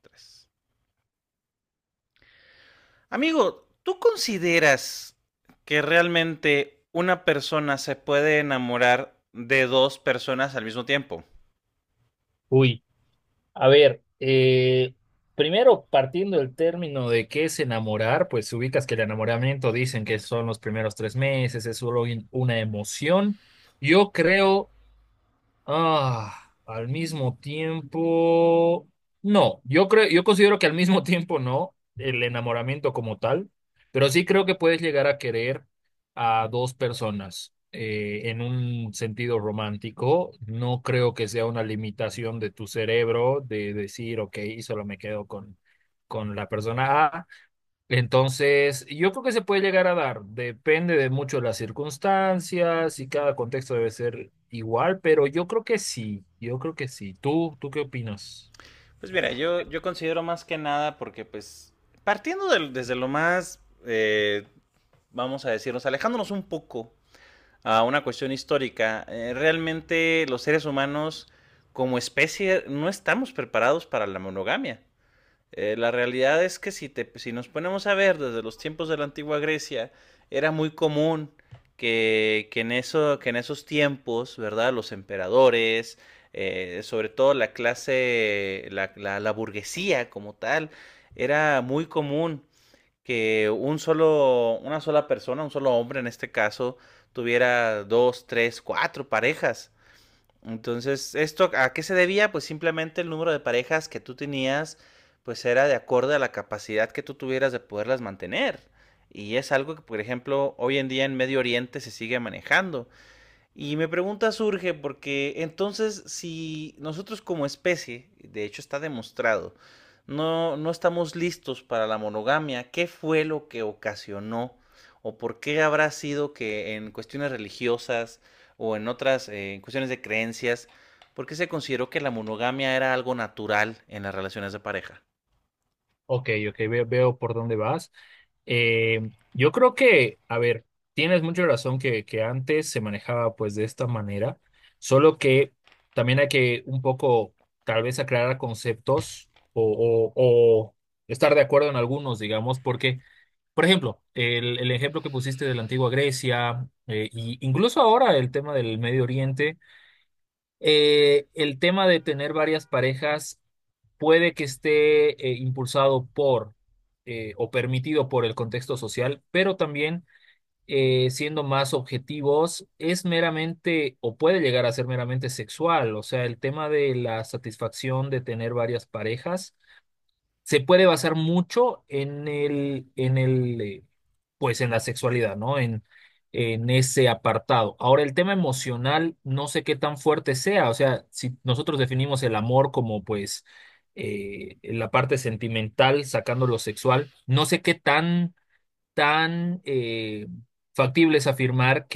Tres. Amigo, ¿tú consideras que realmente una persona se puede enamorar de dos personas al mismo tiempo? Uy, a ver, primero partiendo del término de qué es enamorar, pues ubicas que el enamoramiento dicen que son los primeros 3 meses, es solo una emoción. Yo creo Al mismo tiempo, no, yo considero que al mismo tiempo no, el enamoramiento como tal, pero sí creo que puedes llegar a querer a dos personas en un sentido romántico. No creo que sea una limitación de tu cerebro de decir, ok, solo me quedo con la persona A. Entonces, yo creo que se puede llegar a dar, depende de mucho de las circunstancias y cada contexto debe ser igual, pero yo creo que sí, yo creo que sí. ¿Tú qué opinas? Pues mira, yo considero más que nada porque pues desde lo más, eh, vamos a decirnos, alejándonos un poco a una cuestión histórica, realmente los seres humanos como especie no estamos preparados para la monogamia. La realidad es que si nos ponemos a ver desde los tiempos de la antigua Grecia, era muy común que en esos tiempos, ¿verdad? Los emperadores, sobre todo la clase, la burguesía como tal, era muy común que una sola persona, un solo hombre en este caso, tuviera dos, tres, cuatro parejas. Entonces, ¿esto a qué se debía? Pues simplemente el número de parejas que tú tenías, pues era de acuerdo a la capacidad que tú tuvieras de poderlas mantener. Y es algo que, por ejemplo, hoy en día en Medio Oriente se sigue manejando. Y mi pregunta surge porque entonces si nosotros como especie, de hecho está demostrado, no, no estamos listos para la monogamia, ¿qué fue lo que ocasionó? ¿O por qué habrá sido que en cuestiones religiosas o en otras en cuestiones de creencias, por qué se consideró que la monogamia era algo natural en las relaciones de pareja? Ok, ok, veo por dónde vas. Yo creo que, a ver, tienes mucha razón que antes se manejaba pues de esta manera, solo que también hay que un poco tal vez aclarar conceptos o estar de acuerdo en algunos, digamos, porque... Por ejemplo, el ejemplo que pusiste de la antigua Grecia, y incluso ahora el tema del Medio Oriente, el tema de tener varias parejas puede que esté impulsado por o permitido por el contexto social, pero también siendo más objetivos, es meramente o puede llegar a ser meramente sexual, o sea, el tema de la satisfacción de tener varias parejas se puede basar mucho en el, pues en la sexualidad, ¿no? En ese apartado. Ahora, el tema emocional, no sé qué tan fuerte sea. O sea, si nosotros definimos el amor como, pues, la parte sentimental, sacando lo sexual, no sé qué tan, tan eh, factible es afirmar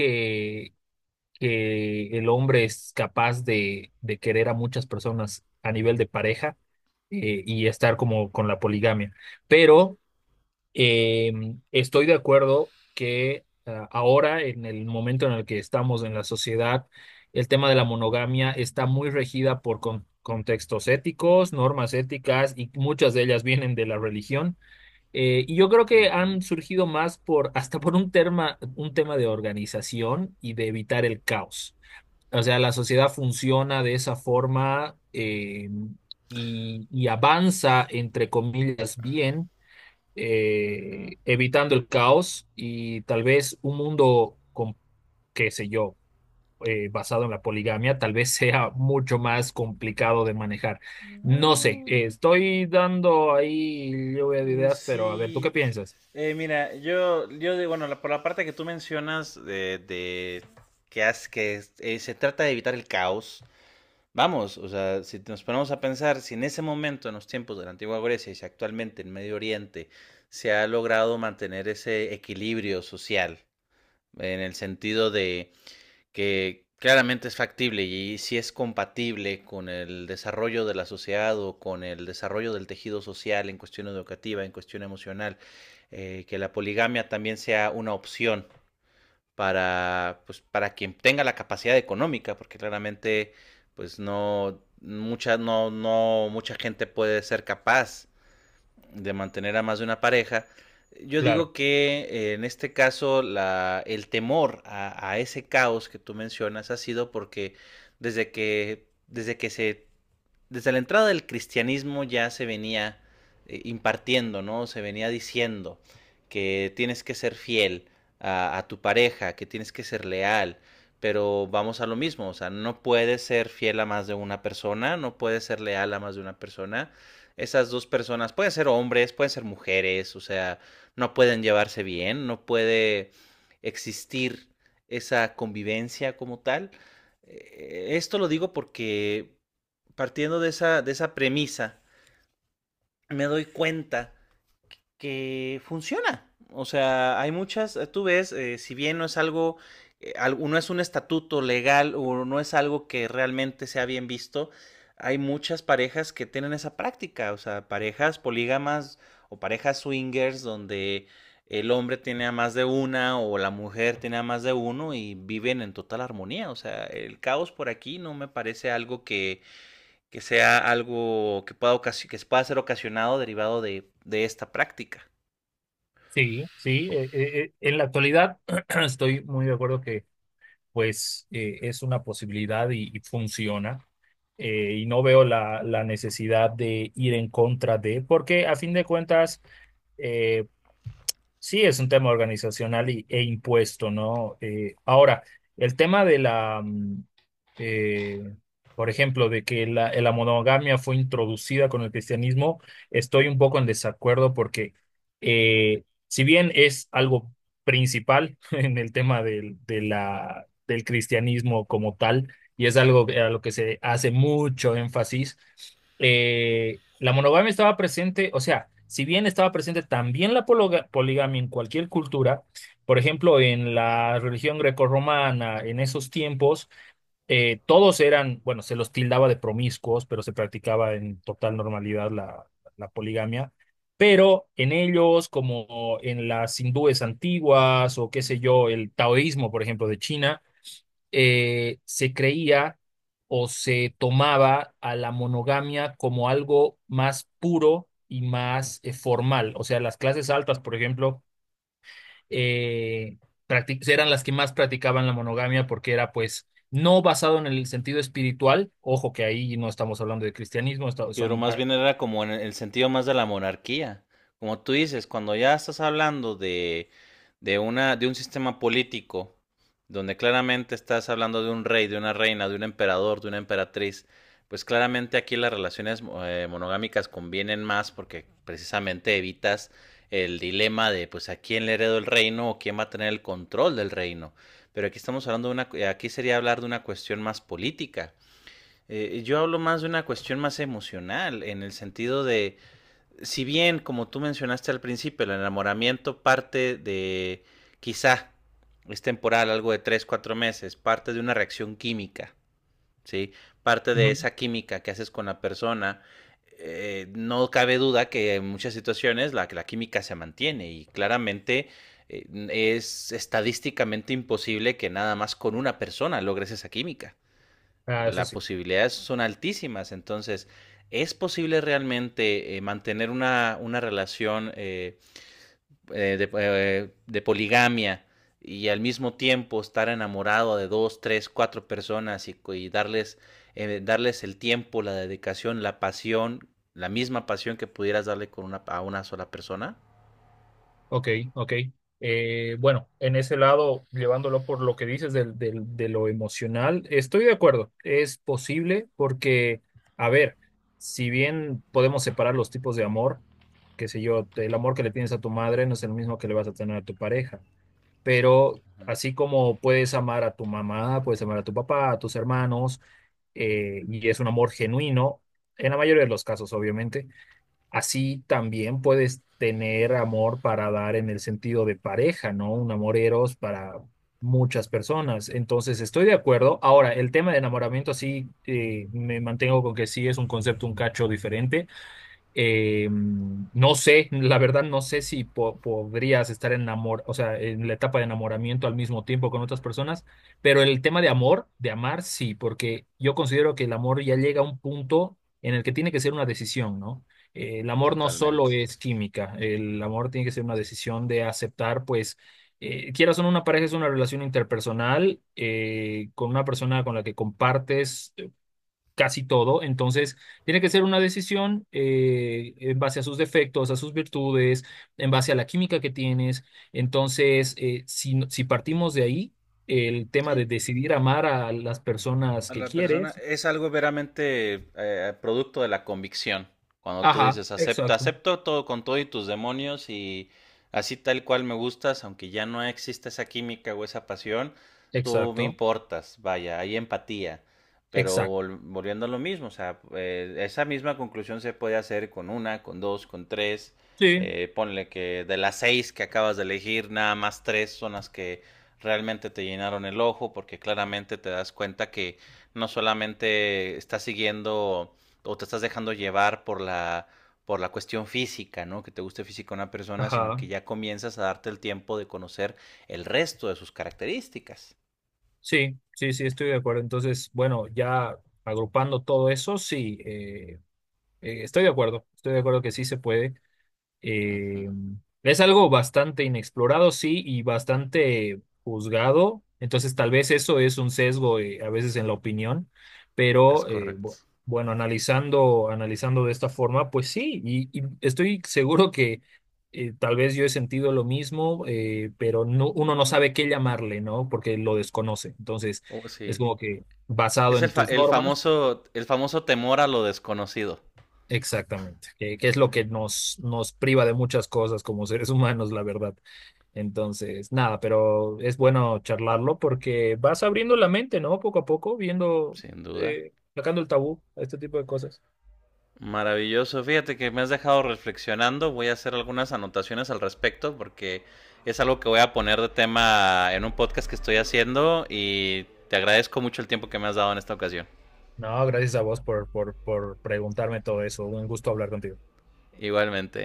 que el hombre es capaz de querer a muchas personas a nivel de pareja y estar como con la poligamia. Pero eh, estoy de acuerdo que ahora, en el momento en el que estamos en la sociedad, el tema de la monogamia está muy regida por contextos éticos, normas éticas y muchas de ellas vienen de la religión. Y yo creo que Ujú, han surgido más por hasta por un tema de organización y de evitar el caos. O sea, la sociedad funciona de esa forma y avanza, entre comillas, bien, ujú. Evitando el caos y tal vez un mundo con, qué sé yo, basado en la poligamia, tal vez sea mucho más complicado de manejar. No sé, No. Estoy dando ahí lluvia de Mm, ideas, pero a ver, ¿tú qué sí. piensas? Mira, yo de, bueno, la- por la parte que tú mencionas de que se trata de evitar el caos, vamos, o sea, si nos ponemos a pensar, si en ese momento, en los tiempos de la antigua Grecia y si actualmente en Medio Oriente se ha logrado mantener ese equilibrio social, en el sentido que claramente es factible y si es compatible con el desarrollo de la sociedad o con el desarrollo del tejido social en cuestión educativa, en cuestión emocional, que la poligamia también sea una opción para quien tenga la capacidad económica, porque claramente pues no mucha gente puede ser capaz de mantener a más de una pareja. Yo Claro, digo que en este caso el temor a ese caos que tú mencionas ha sido porque desde que se desde la entrada del cristianismo ya se venía impartiendo, ¿no? Se venía diciendo que tienes que ser fiel a tu pareja, que tienes que ser leal, pero vamos a lo mismo, o sea, no puedes ser fiel a más de una persona, no puedes ser leal a más de una persona. Esas dos personas pueden ser hombres, pueden ser mujeres, o sea, no pueden llevarse bien, no puede existir esa convivencia como tal. Esto lo digo porque partiendo de esa premisa, me doy cuenta que funciona. O sea, hay muchas, tú ves, si bien no es algo, eh, no es un estatuto legal o no es algo que realmente sea bien visto. Hay muchas parejas que tienen esa práctica, o sea, parejas polígamas o parejas swingers donde el hombre tiene a más de una o la mujer tiene a más de uno y viven en total armonía. O sea, el caos por aquí no me parece algo que sea algo que pueda ser ocasionado derivado de esta práctica. sí, sí. En la actualidad estoy muy de acuerdo que pues es una posibilidad y funciona. Y no veo la necesidad de ir en contra de, porque a fin de cuentas, eh, sí, es un tema organizacional e impuesto, ¿no? Ahora, el tema de la, eh, por ejemplo, de que la monogamia fue introducida con el cristianismo, estoy un poco en desacuerdo porque si bien es algo principal en el tema del cristianismo como tal, y es algo a lo que se hace mucho énfasis, la monogamia estaba presente, o sea, si bien estaba presente también la poligamia en cualquier cultura, por ejemplo, en la religión grecorromana, en esos tiempos, todos eran, bueno, se los tildaba de promiscuos, pero se practicaba en total normalidad la, la poligamia. Pero en ellos, como en las hindúes antiguas o qué sé yo, el taoísmo, por ejemplo, de China, se creía o se tomaba a la monogamia como algo más puro y más formal. O sea, las clases altas, por ejemplo, eh, eran las que más practicaban la monogamia porque era pues no basado en el sentido espiritual. Ojo que ahí no estamos hablando de cristianismo, Pero son... más ah, bien era como en el sentido más de la monarquía. Como tú dices, cuando ya estás hablando de un sistema político donde claramente estás hablando de un rey, de una reina, de un emperador, de una emperatriz, pues claramente aquí las relaciones monogámicas convienen más porque precisamente evitas el dilema de pues a quién le heredo el reino o quién va a tener el control del reino. Pero aquí estamos hablando aquí sería hablar de una cuestión más política. Yo hablo más de una cuestión más emocional, en el sentido de, si bien, como tú mencionaste al principio, el enamoramiento parte de, quizá, es temporal, algo de 3, 4 meses, parte de una reacción química, ¿sí? Parte ujú, de esa química que haces con la persona. No cabe duda que en muchas situaciones la química se mantiene y claramente eh, es estadísticamente imposible que nada más con una persona logres esa química. ah, eso Las sí. posibilidades son altísimas. Entonces, ¿es posible realmente mantener una relación de poligamia y al mismo tiempo estar enamorado de dos, tres, cuatro personas darles el tiempo, la dedicación, la pasión, la misma pasión que pudieras darle a una sola persona? Ok, ok. Bueno, en ese lado, llevándolo por lo que dices de lo emocional, estoy de acuerdo. Es posible porque, a ver, si bien podemos separar los tipos de amor, qué sé yo, el amor que le tienes a tu madre no es el mismo que le vas a tener a tu pareja, pero así como puedes amar a tu mamá, puedes amar a tu papá, a tus hermanos, y es un amor genuino, en la mayoría de los casos, obviamente. Así también puedes tener amor para dar en el sentido de pareja, ¿no? Un amor eros para muchas personas. Entonces, estoy de acuerdo. Ahora, el tema de enamoramiento, sí, me mantengo con que sí es un concepto un cacho diferente. No sé, la verdad no sé si podrías estar enamor, o sea, en la etapa de enamoramiento al mismo tiempo con otras personas, pero el tema de amor, de amar, sí, porque yo considero que el amor ya llega a un punto en el que tiene que ser una decisión, ¿no? El amor no solo Totalmente. es química, el amor tiene que ser una decisión de aceptar, pues, quieras o no, una pareja es una relación interpersonal con una persona con la que compartes casi todo. Entonces, tiene que ser una decisión en base a sus defectos, a sus virtudes, en base a la química que tienes. Entonces, si partimos de ahí, el tema Sí, de pues decidir amar a las personas a que la persona quieres. es algo veramente producto de la convicción. Cuando tú Ajá, dices, acepto, exacto, acepto todo con todo y tus demonios y así tal cual me gustas, aunque ya no exista esa química o esa pasión, tú me exacto, importas, vaya, hay empatía. Pero exacto. Volviendo a lo mismo, o sea, esa misma conclusión se puede hacer con una, con dos, con tres. Sí, Ponle que de las seis que acabas de elegir, nada más tres son las que realmente te llenaron el ojo, porque claramente te das cuenta que no solamente estás siguiendo o te estás dejando llevar por la cuestión física, ¿no? Que te guste física una persona, sino que ajá, ya comienzas a darte el tiempo de conocer el resto de sus características. sí, sí, sí, estoy de acuerdo. Entonces, bueno, ya agrupando todo eso, sí, estoy de acuerdo que sí se puede. Ujú. Eh, es algo bastante inexplorado, sí, y bastante juzgado. Entonces, tal vez eso es un sesgo a veces en la opinión, Es pero correcto. Bueno, analizando, analizando de esta forma, pues sí, y estoy seguro que tal vez yo he sentido lo mismo, pero no, uno no sabe qué llamarle, ¿no? Porque lo desconoce. Entonces, Oh, es sí. como que basado Es el, en fa- tus el normas. famoso, el famoso temor a lo desconocido, Exactamente, que es lo que nos priva de muchas cosas como seres humanos, la verdad. Entonces, nada, pero es bueno charlarlo porque vas abriendo la mente, ¿no? Poco a poco, viendo, sin duda. Sacando el tabú a este tipo de cosas. Maravilloso, fíjate que me has dejado reflexionando, voy a hacer algunas anotaciones al respecto porque es algo que voy a poner de tema en un podcast que estoy haciendo, y te agradezco mucho el tiempo que me has dado en esta ocasión. No, gracias a vos por preguntarme todo eso. Un gusto hablar contigo. Igualmente.